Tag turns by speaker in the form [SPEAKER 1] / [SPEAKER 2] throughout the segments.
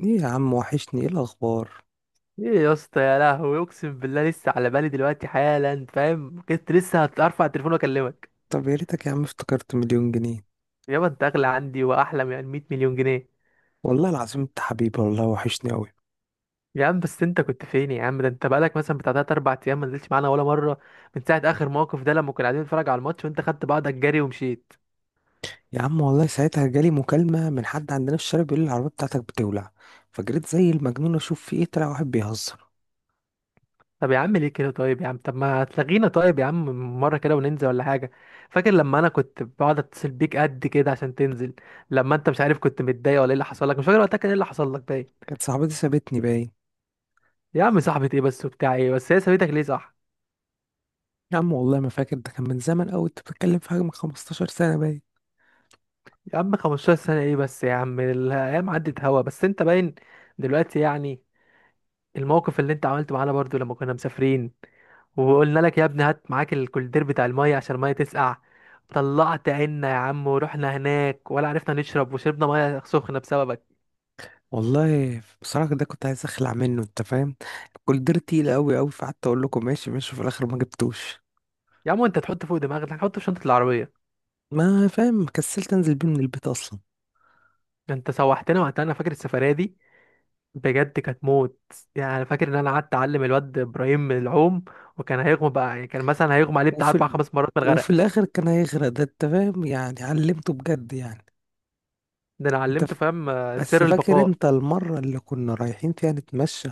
[SPEAKER 1] ايه يا عم، وحشني. ايه الاخبار؟
[SPEAKER 2] ايه يا اسطى، يا لهوي اقسم بالله لسه على بالي دلوقتي حالا، فاهم؟ كنت لسه هترفع التليفون واكلمك.
[SPEAKER 1] طب يا ريتك يا عم، افتكرت مليون جنيه.
[SPEAKER 2] يابا انت اغلى عندي واحلى من 100 مليون جنيه.
[SPEAKER 1] والله العظيم انت حبيبي والله، وحشني قوي.
[SPEAKER 2] يا عم بس انت كنت فين يا عم؟ ده انت بقالك مثلا بتاع تلات اربع ايام ما نزلتش معانا ولا مره، من ساعه اخر موقف ده لما كنا قاعدين نتفرج على الماتش وانت خدت بعضك جري ومشيت.
[SPEAKER 1] يا عم والله ساعتها جالي مكالمة من حد عندنا في الشارع بيقول لي العربية بتاعتك بتولع. فجريت زي المجنون اشوف في ايه، طلع واحد بيهزر.
[SPEAKER 2] طب يا عم ليه كده؟ طيب يا عم، طب ما تلغينا طيب يا عم مره كده وننزل ولا حاجه. فاكر لما انا كنت بقعد اتصل بيك قد كده عشان تنزل؟ لما انت مش عارف كنت متضايق ولا ايه اللي حصل لك، مش فاكر وقتها كان ايه اللي حصل لك؟
[SPEAKER 1] كانت صاحبتي سابتني باين.
[SPEAKER 2] يا عم صاحبة ايه بس وبتاع ايه بس، هي سابتك ليه صح؟
[SPEAKER 1] يا عم والله ما فاكر، ده كان من زمن قوي، انت بتتكلم في حاجة من 15 سنة باين.
[SPEAKER 2] يا عم 15 سنة ايه بس يا عم؟ الايام عدت هوا بس انت باين دلوقتي يعني. الموقف اللي انت عملته معانا برضو لما كنا مسافرين، وقلنا لك يا ابني هات معاك الكولدير بتاع المية عشان المية تسقع، طلعت عنا يا عم ورحنا هناك ولا عرفنا نشرب، وشربنا مية سخنة بسببك.
[SPEAKER 1] والله بصراحة ده كنت عايز اخلع منه، انت فاهم. كل دير تقيل قوي قوي، فقعدت اقول لكم ماشي ماشي، وفي الاخر ما جبتوش.
[SPEAKER 2] يا عم انت تحط فوق دماغك، هنحطه في شنطة العربية.
[SPEAKER 1] ما فاهم، كسلت انزل بيه من البيت اصلا.
[SPEAKER 2] انت سوحتنا وقتها، انا فاكر السفرية دي، بجد كانت موت. يعني انا فاكر ان انا قعدت اعلم الواد ابراهيم العوم، وكان هيغمى بقى، يعني كان مثلا هيغمى عليه بتاع
[SPEAKER 1] وفي
[SPEAKER 2] اربع
[SPEAKER 1] ال...
[SPEAKER 2] خمس مرات من الغرق.
[SPEAKER 1] وفي الاخر كان هيغرق، ده انت فاهم يعني، علمته بجد يعني.
[SPEAKER 2] ده انا
[SPEAKER 1] انت
[SPEAKER 2] علمته
[SPEAKER 1] ف...
[SPEAKER 2] فاهم آه،
[SPEAKER 1] بس
[SPEAKER 2] سر
[SPEAKER 1] فاكر
[SPEAKER 2] البقاء.
[SPEAKER 1] انت المرة اللي كنا رايحين فيها نتمشى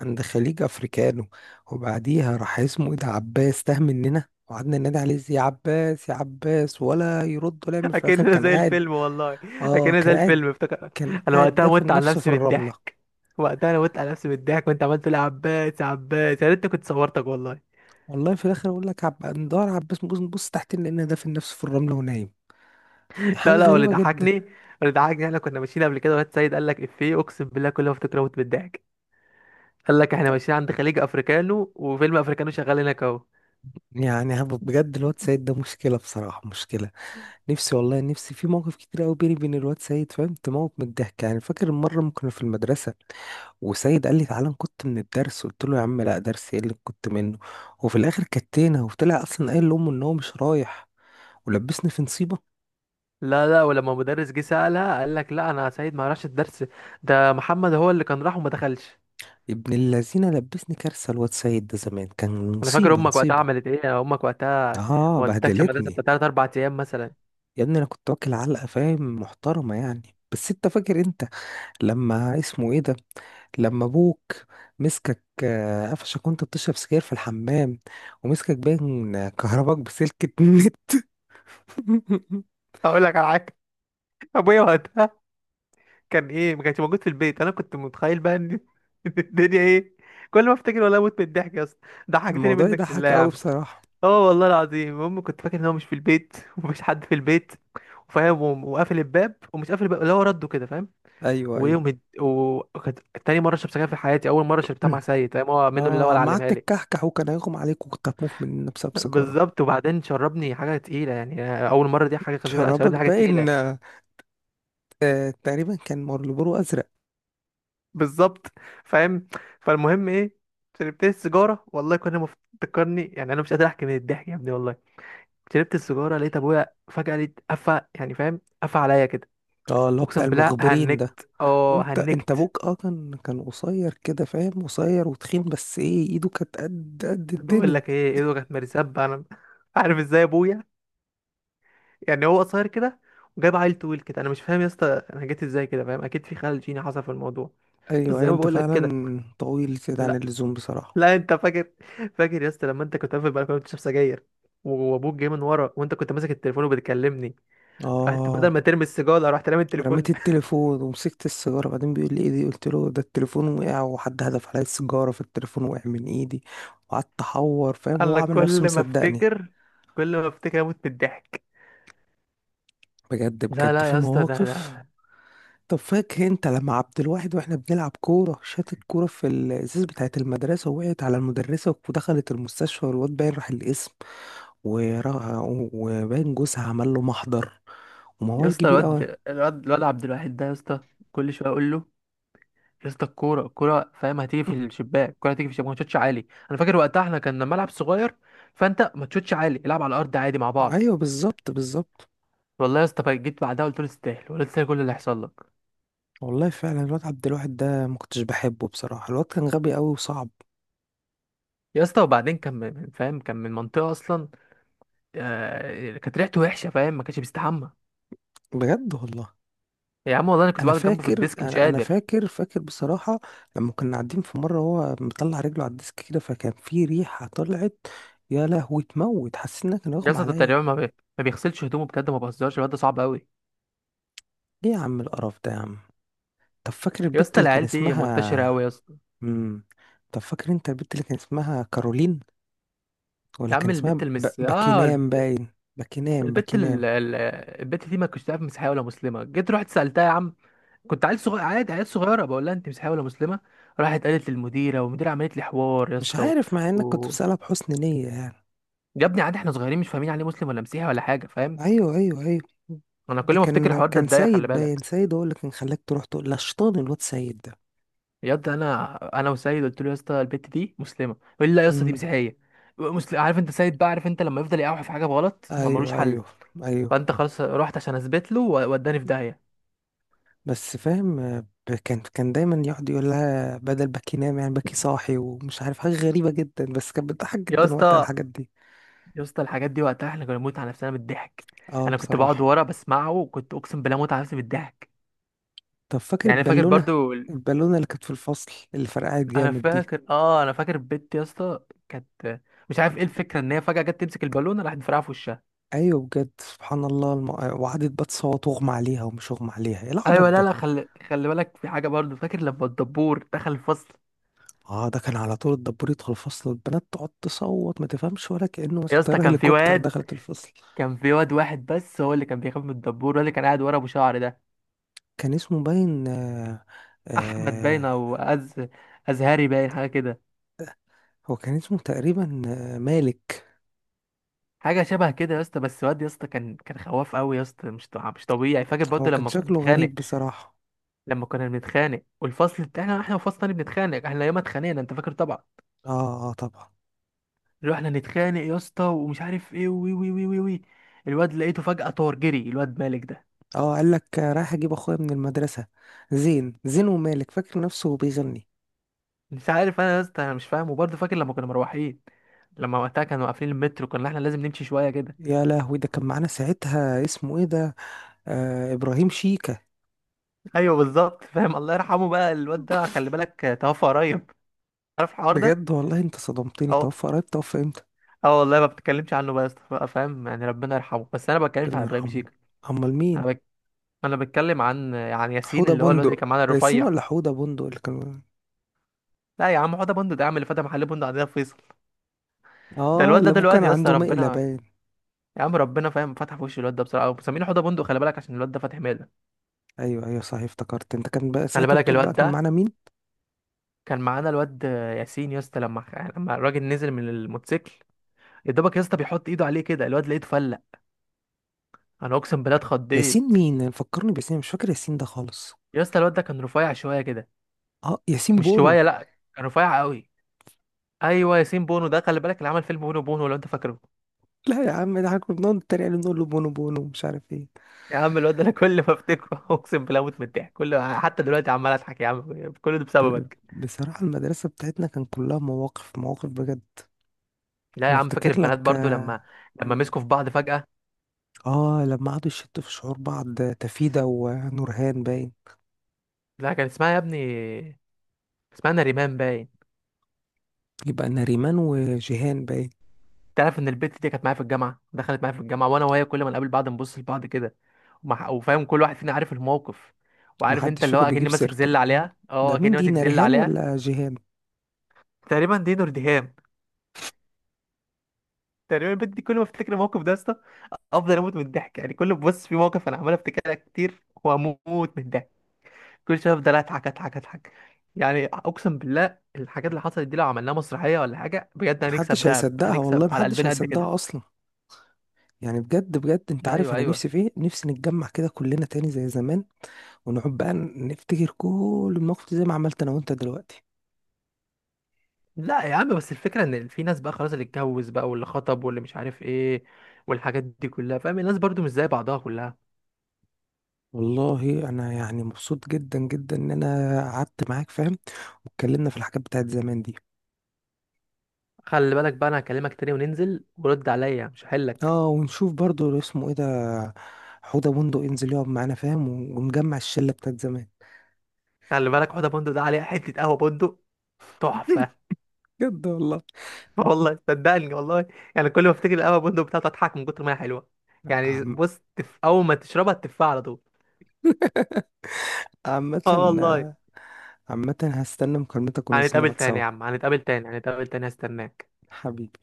[SPEAKER 1] عند خليج افريكانو، وبعديها راح اسمه ايه ده، عباس، تاه مننا وقعدنا ننادي عليه يا عباس يا عباس، ولا يرد ولا يعمل. في الاخر
[SPEAKER 2] اكننا
[SPEAKER 1] كان
[SPEAKER 2] زي
[SPEAKER 1] قاعد.
[SPEAKER 2] الفيلم والله.
[SPEAKER 1] اه
[SPEAKER 2] اكننا
[SPEAKER 1] كان
[SPEAKER 2] زي
[SPEAKER 1] قاعد.
[SPEAKER 2] الفيلم افتكر.
[SPEAKER 1] كان
[SPEAKER 2] انا
[SPEAKER 1] قاعد
[SPEAKER 2] وقتها مت
[SPEAKER 1] دافن
[SPEAKER 2] على
[SPEAKER 1] نفسه في
[SPEAKER 2] نفسي من
[SPEAKER 1] الرملة.
[SPEAKER 2] الضحك. وقتها انا مت على نفسي من الضحك وانت عملت لي يا عباس يا عباس، يا ريتني كنت صورتك والله.
[SPEAKER 1] والله في الاخر اقول لك، ندور على عباس، نبص نبص تحت، لان دافن نفسه في الرملة ونايم.
[SPEAKER 2] لا
[SPEAKER 1] حاجة
[SPEAKER 2] لا، واللي
[SPEAKER 1] غريبة جدا.
[SPEAKER 2] ضحكني، اللي ضحكني احنا كنا ماشيين قبل كده، واد سيد قال لك افيه اقسم بالله كل ما افتكر اموت من الضحك. قال لك احنا ماشيين عند خليج افريكانو وفيلم افريكانو شغال هناك اهو.
[SPEAKER 1] يعني بجد الواد سيد ده مشكلة بصراحة، مشكلة. نفسي والله، نفسي في مواقف كتير قوي بيني وبين الواد سيد، فاهم، تموت من الضحك يعني. فاكر مرة ما كنا في المدرسة، وسيد قال لي تعالى نكت من الدرس، قلت له يا عم لا، درس ايه اللي كنت منه. وفي الاخر كتينا، وطلع اصلا قايل لامه ان هو مش رايح، ولبسني في نصيبة.
[SPEAKER 2] لا لا، ولما مدرس جه سألها قال لك لا انا يا سعيد ما راحش الدرس، ده محمد هو اللي كان راح وما دخلش.
[SPEAKER 1] ابن اللذينة لبسني كارثة، الواد سيد ده زمان كان
[SPEAKER 2] انا فاكر
[SPEAKER 1] نصيبة
[SPEAKER 2] امك وقتها
[SPEAKER 1] نصيبة.
[SPEAKER 2] عملت ايه، امك وقتها
[SPEAKER 1] اه،
[SPEAKER 2] ما ودتكش المدرسه
[SPEAKER 1] بهدلتني.
[SPEAKER 2] بتاع تلات اربع ايام مثلا.
[SPEAKER 1] يا ابني انا كنت واكل علقة فاهم، محترمة يعني. بس انت فاكر انت لما اسمه ايه ده، لما ابوك مسكك آه، قفشك وانت بتشرب سجاير في الحمام، ومسكك باين كهرباك بسلكة النت.
[SPEAKER 2] اقول لك على حاجه، ابويا وقتها كان ايه، ما كانش موجود في البيت، انا كنت متخيل بقى ان، إن الدنيا ايه. كل ما افتكر والله اموت من الضحك يا اسطى، ضحكتني
[SPEAKER 1] الموضوع
[SPEAKER 2] منك لله
[SPEAKER 1] يضحك
[SPEAKER 2] يا
[SPEAKER 1] قوي
[SPEAKER 2] عم.
[SPEAKER 1] بصراحة.
[SPEAKER 2] اه والله العظيم، المهم كنت فاكر ان هو مش في البيت، ومفيش حد في البيت، وفاهم، وقافل الباب ومش قافل الباب، اللي هو رده كده فاهم.
[SPEAKER 1] ايوه ايوه.
[SPEAKER 2] وكانت تاني مرة شربت سجاير في حياتي. أول مرة شربتها مع سيد فاهم، هو منه اللي هو
[SPEAKER 1] اه
[SPEAKER 2] اللي
[SPEAKER 1] عم، قعدت
[SPEAKER 2] علمها لي.
[SPEAKER 1] تكحكح وكان هيغم عليك، وكنت هتموت مننا بسبب سيجارة.
[SPEAKER 2] بالظبط، وبعدين شربني حاجة تقيلة يعني. أول مرة دي حاجة خفيفة، لا
[SPEAKER 1] شربك
[SPEAKER 2] شربني حاجة
[SPEAKER 1] باين
[SPEAKER 2] تقيلة.
[SPEAKER 1] آه، آه، تقريبا كان مارلبورو ازرق.
[SPEAKER 2] بالظبط فاهم. فالمهم إيه، شربت السيجارة والله تفكرني يعني، أنا مش قادر أحكي من الضحك يا ابني والله. شربت السيجارة لقيت أبويا فجأة، لقيت قفا يعني فاهم، قفا عليا كده.
[SPEAKER 1] اه، اللي هو بتاع
[SPEAKER 2] أقسم بالله
[SPEAKER 1] المخبرين ده.
[SPEAKER 2] هنكت أه
[SPEAKER 1] وانت
[SPEAKER 2] هنكت.
[SPEAKER 1] ابوك اه كان كان قصير كده فاهم، قصير وتخين، بس ايه، ايده كانت قد قد
[SPEAKER 2] بقول
[SPEAKER 1] الدنيا.
[SPEAKER 2] لك إيه، إيده كانت مرسبة أنا، عارف إزاي أبويا، يعني هو قصير كده وجاب عيل طويل كده، انا مش فاهم يا اسطى. انا جيت ازاي كده فاهم، اكيد في خلل جيني حصل في الموضوع. بس
[SPEAKER 1] ايوه أيوة،
[SPEAKER 2] زي ما
[SPEAKER 1] انت
[SPEAKER 2] بقول لك كده.
[SPEAKER 1] فعلا طويل زيادة عن
[SPEAKER 2] لا
[SPEAKER 1] اللزوم بصراحة.
[SPEAKER 2] لا، انت فاكر، فاكر يا اسطى لما انت كنت قافل البلكونه بتشرب سجاير، وابوك جاي من ورا وانت كنت ماسك التليفون وبتكلمني، رحت بدل
[SPEAKER 1] اه،
[SPEAKER 2] ما ترمي السيجاره رحت رامي
[SPEAKER 1] رميت
[SPEAKER 2] التليفون.
[SPEAKER 1] التليفون ومسكت السيجارة، بعدين بيقول لي ايه دي، قلت له ده التليفون وقع، وحد هدف عليا السيجارة فالتليفون وقع من ايدي. وقعدت احور فاهم، هو
[SPEAKER 2] انا
[SPEAKER 1] عامل نفسه
[SPEAKER 2] كل ما
[SPEAKER 1] مصدقني.
[SPEAKER 2] افتكر، كل ما افتكر اموت من الضحك.
[SPEAKER 1] بجد
[SPEAKER 2] لا
[SPEAKER 1] بجد
[SPEAKER 2] لا
[SPEAKER 1] في
[SPEAKER 2] يا اسطى، ده
[SPEAKER 1] مواقف.
[SPEAKER 2] ده
[SPEAKER 1] طب فاكر انت لما عبد الواحد، واحنا بنلعب كورة، شات الكورة في الازاز بتاعة المدرسة، ووقعت على المدرسة ودخلت المستشفى، والواد باين راح القسم. ورا- وباين جوزها عمل له محضر
[SPEAKER 2] يا
[SPEAKER 1] وموال
[SPEAKER 2] اسطى،
[SPEAKER 1] كبير قوي.
[SPEAKER 2] الواد عبد الواحد ده يا اسطى، كل شويه اقول له يا اسطى الكوره الكوره فاهم، هتيجي في الشباك، الكوره هتيجي في الشباك ما تشوتش عالي. انا فاكر وقتها احنا كان ملعب صغير، فانت ما تشوتش عالي، العب على الارض عادي مع بعض.
[SPEAKER 1] ايوه بالظبط بالظبط.
[SPEAKER 2] والله يا اسطى بقى جيت بعدها قلت له تستاهل، ولا تستاهل كل اللي هيحصل لك.
[SPEAKER 1] والله فعلا الواد عبد الواحد ده ما كنتش بحبه بصراحه، الواد كان غبي قوي وصعب.
[SPEAKER 2] يا اسطى وبعدين كان فاهم، كان من منطقه اصلا، آه كانت ريحته وحشه فاهم، ما كانش بيستحمى.
[SPEAKER 1] بجد والله.
[SPEAKER 2] يا عم والله انا كنت
[SPEAKER 1] انا
[SPEAKER 2] بقعد جنبه في
[SPEAKER 1] فاكر،
[SPEAKER 2] الديسك مش
[SPEAKER 1] انا
[SPEAKER 2] قادر.
[SPEAKER 1] فاكر، فاكر بصراحه، لما كنا قاعدين في مره، هو مطلع رجله على الديسك كده، فكان في ريحه طلعت. يا لهوي تموت، حسيت انها كان
[SPEAKER 2] يا
[SPEAKER 1] اغمى
[SPEAKER 2] اسطى ده
[SPEAKER 1] عليا.
[SPEAKER 2] تقريبا ما بيغسلش هدومه بجد، ما بهزرش الواد ده صعب قوي.
[SPEAKER 1] ليه يا عم القرف ده يا عم؟ طب فاكر
[SPEAKER 2] يا
[SPEAKER 1] البت
[SPEAKER 2] اسطى
[SPEAKER 1] اللي كان
[SPEAKER 2] العيال دي منتشره قوي
[SPEAKER 1] اسمها،
[SPEAKER 2] يا اسطى.
[SPEAKER 1] امم، طب فاكر انت البت اللي كان اسمها كارولين، ولا
[SPEAKER 2] يا عم
[SPEAKER 1] كان اسمها
[SPEAKER 2] البت المس اه،
[SPEAKER 1] باكينام باين. باكينام
[SPEAKER 2] البت
[SPEAKER 1] باكينام.
[SPEAKER 2] ال- ال- البت دي ما كنتش تعرف مسيحيه ولا مسلمه، جيت رحت سالتها يا عم، كنت عيل صغير عادي، عيل صغيره بقول لها انت مسيحيه ولا مسلمه؟ راحت قالت للمديره، والمديره عملت لي حوار يا
[SPEAKER 1] مش
[SPEAKER 2] اسطى
[SPEAKER 1] عارف، مع انك كنت
[SPEAKER 2] و...
[SPEAKER 1] بسألها بحسن نية يعني.
[SPEAKER 2] يا ابني عادي احنا صغيرين مش فاهمين عليه مسلم ولا مسيحي ولا حاجه فاهم.
[SPEAKER 1] ايوه ايوه ايوه.
[SPEAKER 2] انا
[SPEAKER 1] ده
[SPEAKER 2] كل ما افتكر
[SPEAKER 1] كان
[SPEAKER 2] الحوار ده
[SPEAKER 1] كان
[SPEAKER 2] اتضايق، خلي
[SPEAKER 1] سيد باين،
[SPEAKER 2] بالك.
[SPEAKER 1] سيد هو اللي كان خلاك تروح تقول، لا شيطان الواد سيد ده.
[SPEAKER 2] يا اسطى انا وسيد قلت له يا اسطى البت دي مسلمه، يقول لي لا يا اسطى دي
[SPEAKER 1] امم.
[SPEAKER 2] مسيحيه. مسلم، عارف انت سيد بقى، عارف انت لما يفضل يقاوح في حاجه بغلط ما ملوش
[SPEAKER 1] ايوه
[SPEAKER 2] حل.
[SPEAKER 1] ايوه ايوه.
[SPEAKER 2] فانت خلاص رحت عشان اثبت له ووداني في داهيه.
[SPEAKER 1] بس فاهم آه، كان كان دايما يقعد يقول لها بدل باكي نام يعني باكي صاحي، ومش عارف، حاجة غريبة جدا، بس كانت بتضحك
[SPEAKER 2] يا
[SPEAKER 1] جدا وقتها
[SPEAKER 2] اسطى،
[SPEAKER 1] الحاجات دي.
[SPEAKER 2] يا اسطى الحاجات دي وقتها احنا كنا بنموت على نفسنا بالضحك.
[SPEAKER 1] اه
[SPEAKER 2] انا كنت بقعد
[SPEAKER 1] بصراحة.
[SPEAKER 2] ورا بسمعه وكنت اقسم بالله موت على نفسي بالضحك.
[SPEAKER 1] طب فاكر
[SPEAKER 2] يعني انا فاكر
[SPEAKER 1] البالونة،
[SPEAKER 2] برضو
[SPEAKER 1] البالونة اللي كانت في الفصل اللي فرقعت
[SPEAKER 2] انا
[SPEAKER 1] جامد دي.
[SPEAKER 2] فاكر اه، انا فاكر بنت يا اسطى كانت، مش عارف ايه الفكره، ان هي فجاه جت تمسك البالونه راحت مفرقعه في وشها.
[SPEAKER 1] ايوه بجد سبحان الله، وقعدت بقى تصوت، واغمى عليها ومش اغمى عليها، ايه العبط
[SPEAKER 2] ايوه. لا
[SPEAKER 1] ده.
[SPEAKER 2] لا، خلي بالك في حاجه برضو، فاكر لما الدبور دخل الفصل؟
[SPEAKER 1] اه ده كان على طول الدبور يدخل الفصل والبنات تقعد تصوت، ما تفهمش، ولا كأنه
[SPEAKER 2] يا
[SPEAKER 1] مثلا
[SPEAKER 2] اسطى
[SPEAKER 1] طيارة
[SPEAKER 2] كان في
[SPEAKER 1] هليكوبتر
[SPEAKER 2] واد،
[SPEAKER 1] دخلت الفصل.
[SPEAKER 2] كان في واد واحد بس هو اللي كان بيخاف من الدبور، هو اللي كان قاعد ورا ابو شعر ده.
[SPEAKER 1] كان اسمه باين آه،
[SPEAKER 2] احمد باين
[SPEAKER 1] آه.
[SPEAKER 2] او أز، ازهري باين حاجه كده،
[SPEAKER 1] هو كان اسمه تقريبا آه مالك.
[SPEAKER 2] حاجه شبه كده يا اسطى. بس واد يا اسطى كان كان خواف قوي يا اسطى، مش طبيعي. فاكر
[SPEAKER 1] هو
[SPEAKER 2] برضه
[SPEAKER 1] كان
[SPEAKER 2] لما كنا
[SPEAKER 1] شكله
[SPEAKER 2] بنتخانق،
[SPEAKER 1] غريب بصراحة.
[SPEAKER 2] لما كنا بنتخانق والفصل بتاعنا احنا وفصل تاني بنتخانق، احنا ياما اتخانقنا انت فاكر طبعا.
[SPEAKER 1] اه اه طبعا.
[SPEAKER 2] رحنا نتخانق يا اسطى ومش عارف ايه، وي وي وي وي وي، الواد لقيته فجأة طار جري الواد مالك ده.
[SPEAKER 1] اه قال لك آه، رايح اجيب اخويا من المدرسة، زين زين، ومالك فاكر نفسه بيغني.
[SPEAKER 2] مش عارف انا يا اسطى، انا مش فاهم. وبرضه فاكر لما كنا مروحين، لما وقتها كانوا قافلين المترو كنا احنا لازم نمشي شويه كده.
[SPEAKER 1] يا لهوي ده كان معانا ساعتها اسمه ايه ده، آه ابراهيم شيكة.
[SPEAKER 2] ايوه بالظبط فاهم، الله يرحمه بقى الواد ده، خلي بالك توفى قريب، عارف الحوار ده؟
[SPEAKER 1] بجد والله انت صدمتني،
[SPEAKER 2] أه.
[SPEAKER 1] توفى قريب؟ توفى امتى؟
[SPEAKER 2] اه والله ما بتكلمش عنه بقى يا اسطى بقى، فاهم يعني ربنا يرحمه، بس انا ما بتكلمش عن
[SPEAKER 1] ربنا
[SPEAKER 2] ابراهيم
[SPEAKER 1] يرحمه.
[SPEAKER 2] شيكا.
[SPEAKER 1] امال
[SPEAKER 2] انا
[SPEAKER 1] مين؟
[SPEAKER 2] بك... انا بتكلم عن ياسين،
[SPEAKER 1] حوضة
[SPEAKER 2] اللي هو الواد اللي
[SPEAKER 1] بندق،
[SPEAKER 2] كان معانا
[SPEAKER 1] ياسين
[SPEAKER 2] الرفيع.
[SPEAKER 1] ولا حوضة بندق اللي كان؟
[SPEAKER 2] لا يا عم، حوده بندق ده يا عم اللي فتح محل بندق عندنا في فيصل. ده
[SPEAKER 1] اه
[SPEAKER 2] الواد
[SPEAKER 1] اللي
[SPEAKER 2] ده
[SPEAKER 1] ابوه كان
[SPEAKER 2] دلوقتي يا اسطى
[SPEAKER 1] عنده
[SPEAKER 2] ربنا،
[SPEAKER 1] مقلبان.
[SPEAKER 2] يا عم ربنا فاهم فتح في وش الواد ده بصراحه. مسمينه حوده بندق خلي بالك، عشان الواد ده فاتح ماله.
[SPEAKER 1] ايوه ايوه صحيح افتكرت، انت كان بقى
[SPEAKER 2] خلي
[SPEAKER 1] ساعتها
[SPEAKER 2] بالك
[SPEAKER 1] بتقول بقى
[SPEAKER 2] الواد
[SPEAKER 1] كان
[SPEAKER 2] ده
[SPEAKER 1] معانا مين؟
[SPEAKER 2] كان معانا الواد ياسين يا اسطى، لما لما الراجل نزل من الموتوسيكل، يا دوبك يا اسطى بيحط ايده عليه كده، الواد لقيته فلق. انا اقسم بالله
[SPEAKER 1] ياسين
[SPEAKER 2] اتخضيت.
[SPEAKER 1] مين فكرني بياسين، مش فاكر ياسين ده خالص.
[SPEAKER 2] يا اسطى الواد ده كان رفيع شويه كده،
[SPEAKER 1] اه ياسين
[SPEAKER 2] مش
[SPEAKER 1] بونو.
[SPEAKER 2] شويه لا، كان رفيع قوي. ايوه ياسين بونو ده، خلي بالك اللي عمل فيلم بونو بونو لو انت فاكره.
[SPEAKER 1] لا يا عم، ده احنا كنا بنقعد نتريق عليه نقول له بونو بونو، مش عارف ايه.
[SPEAKER 2] يا عم الواد ده انا كل ما افتكره اقسم بالله اموت من الضحك، كل حتى دلوقتي عمال اضحك يا عم، كل ده
[SPEAKER 1] ب...
[SPEAKER 2] بسببك.
[SPEAKER 1] بصراحة المدرسة بتاعتنا كان كلها مواقف، مواقف بجد.
[SPEAKER 2] لا يا
[SPEAKER 1] انا
[SPEAKER 2] عم، فاكر
[SPEAKER 1] افتكر
[SPEAKER 2] البنات
[SPEAKER 1] لك
[SPEAKER 2] برضو لما،
[SPEAKER 1] اه.
[SPEAKER 2] لما
[SPEAKER 1] مم.
[SPEAKER 2] مسكوا في بعض فجأة.
[SPEAKER 1] آه، لما قعدوا يشتوا في شعور بعض، تفيدة ونورهان باين.
[SPEAKER 2] لا كان اسمها يا ابني، اسمها نريمان باين.
[SPEAKER 1] يبقى نريمان وجيهان باين.
[SPEAKER 2] تعرف ان البت دي كانت معايا في الجامعة؟ دخلت معايا في الجامعة، وانا وهي كل ما نقابل بعض نبص لبعض كده، وفاهم كل واحد فينا عارف الموقف، وعارف انت
[SPEAKER 1] محدش
[SPEAKER 2] اللي هو
[SPEAKER 1] فيكم
[SPEAKER 2] اكني
[SPEAKER 1] بيجيب
[SPEAKER 2] ماسك
[SPEAKER 1] سيرته؟
[SPEAKER 2] زل عليها، اه
[SPEAKER 1] ده مين
[SPEAKER 2] اكني
[SPEAKER 1] دي،
[SPEAKER 2] ماسك زل
[SPEAKER 1] ناريهان
[SPEAKER 2] عليها.
[SPEAKER 1] ولا جيهان؟
[SPEAKER 2] تقريبا دي نور دهام. تقريبا البت دي كل ما افتكر الموقف ده افضل اموت من الضحك، يعني كل بص في موقف انا عمال افتكرها كتير واموت من الضحك، كل شويه افضل اضحك اضحك اضحك. يعني اقسم بالله الحاجات اللي حصلت دي لو عملناها مسرحيه ولا حاجه بجد هنكسب
[SPEAKER 1] محدش
[SPEAKER 2] دهب،
[SPEAKER 1] هيصدقها
[SPEAKER 2] هنكسب
[SPEAKER 1] والله،
[SPEAKER 2] على
[SPEAKER 1] محدش
[SPEAKER 2] قلبنا قد كده.
[SPEAKER 1] هيصدقها اصلا. يعني بجد بجد، انت عارف
[SPEAKER 2] ايوه
[SPEAKER 1] انا
[SPEAKER 2] ايوه.
[SPEAKER 1] نفسي في ايه، نفسي نتجمع كده كلنا تاني زي زمان، ونقعد بقى نفتكر كل المواقف دي زي ما عملت انا وانت دلوقتي.
[SPEAKER 2] لا يا عم، بس الفكره ان في ناس بقى خلاص، اللي اتجوز بقى واللي خطب واللي مش عارف ايه، والحاجات دي كلها فاهم، الناس برضو مش زي بعضها كلها.
[SPEAKER 1] والله انا يعني مبسوط جدا جدا ان انا قعدت معاك فاهم، واتكلمنا في الحاجات بتاعت زمان دي.
[SPEAKER 2] خلي بالك بقى، انا هكلمك تاني وننزل، ورد عليا مش هحلك.
[SPEAKER 1] اه ونشوف برضو اسمه ايه ده، حوده بندق، ينزل يقعد معانا فاهم، ونجمع الشله بتاعت زمان.
[SPEAKER 2] خلي بالك حوضه بندق ده، عليها حته قهوه بندق تحفه.
[SPEAKER 1] بجد والله.
[SPEAKER 2] والله صدقني والله. يعني كل ما افتكر القهوه بندق بتاعته اضحك من كتر ما هي حلوه، يعني
[SPEAKER 1] عم-
[SPEAKER 2] بص اول ما تشربها تفها على طول.
[SPEAKER 1] عامة،
[SPEAKER 2] اه والله.
[SPEAKER 1] عامة هستنى مكالمتك وننزل
[SPEAKER 2] هنتقابل
[SPEAKER 1] نقعد
[SPEAKER 2] تاني
[SPEAKER 1] سوا.
[SPEAKER 2] يا عم، هنتقابل تاني، هنتقابل تاني، هستناك.
[SPEAKER 1] حبيبي.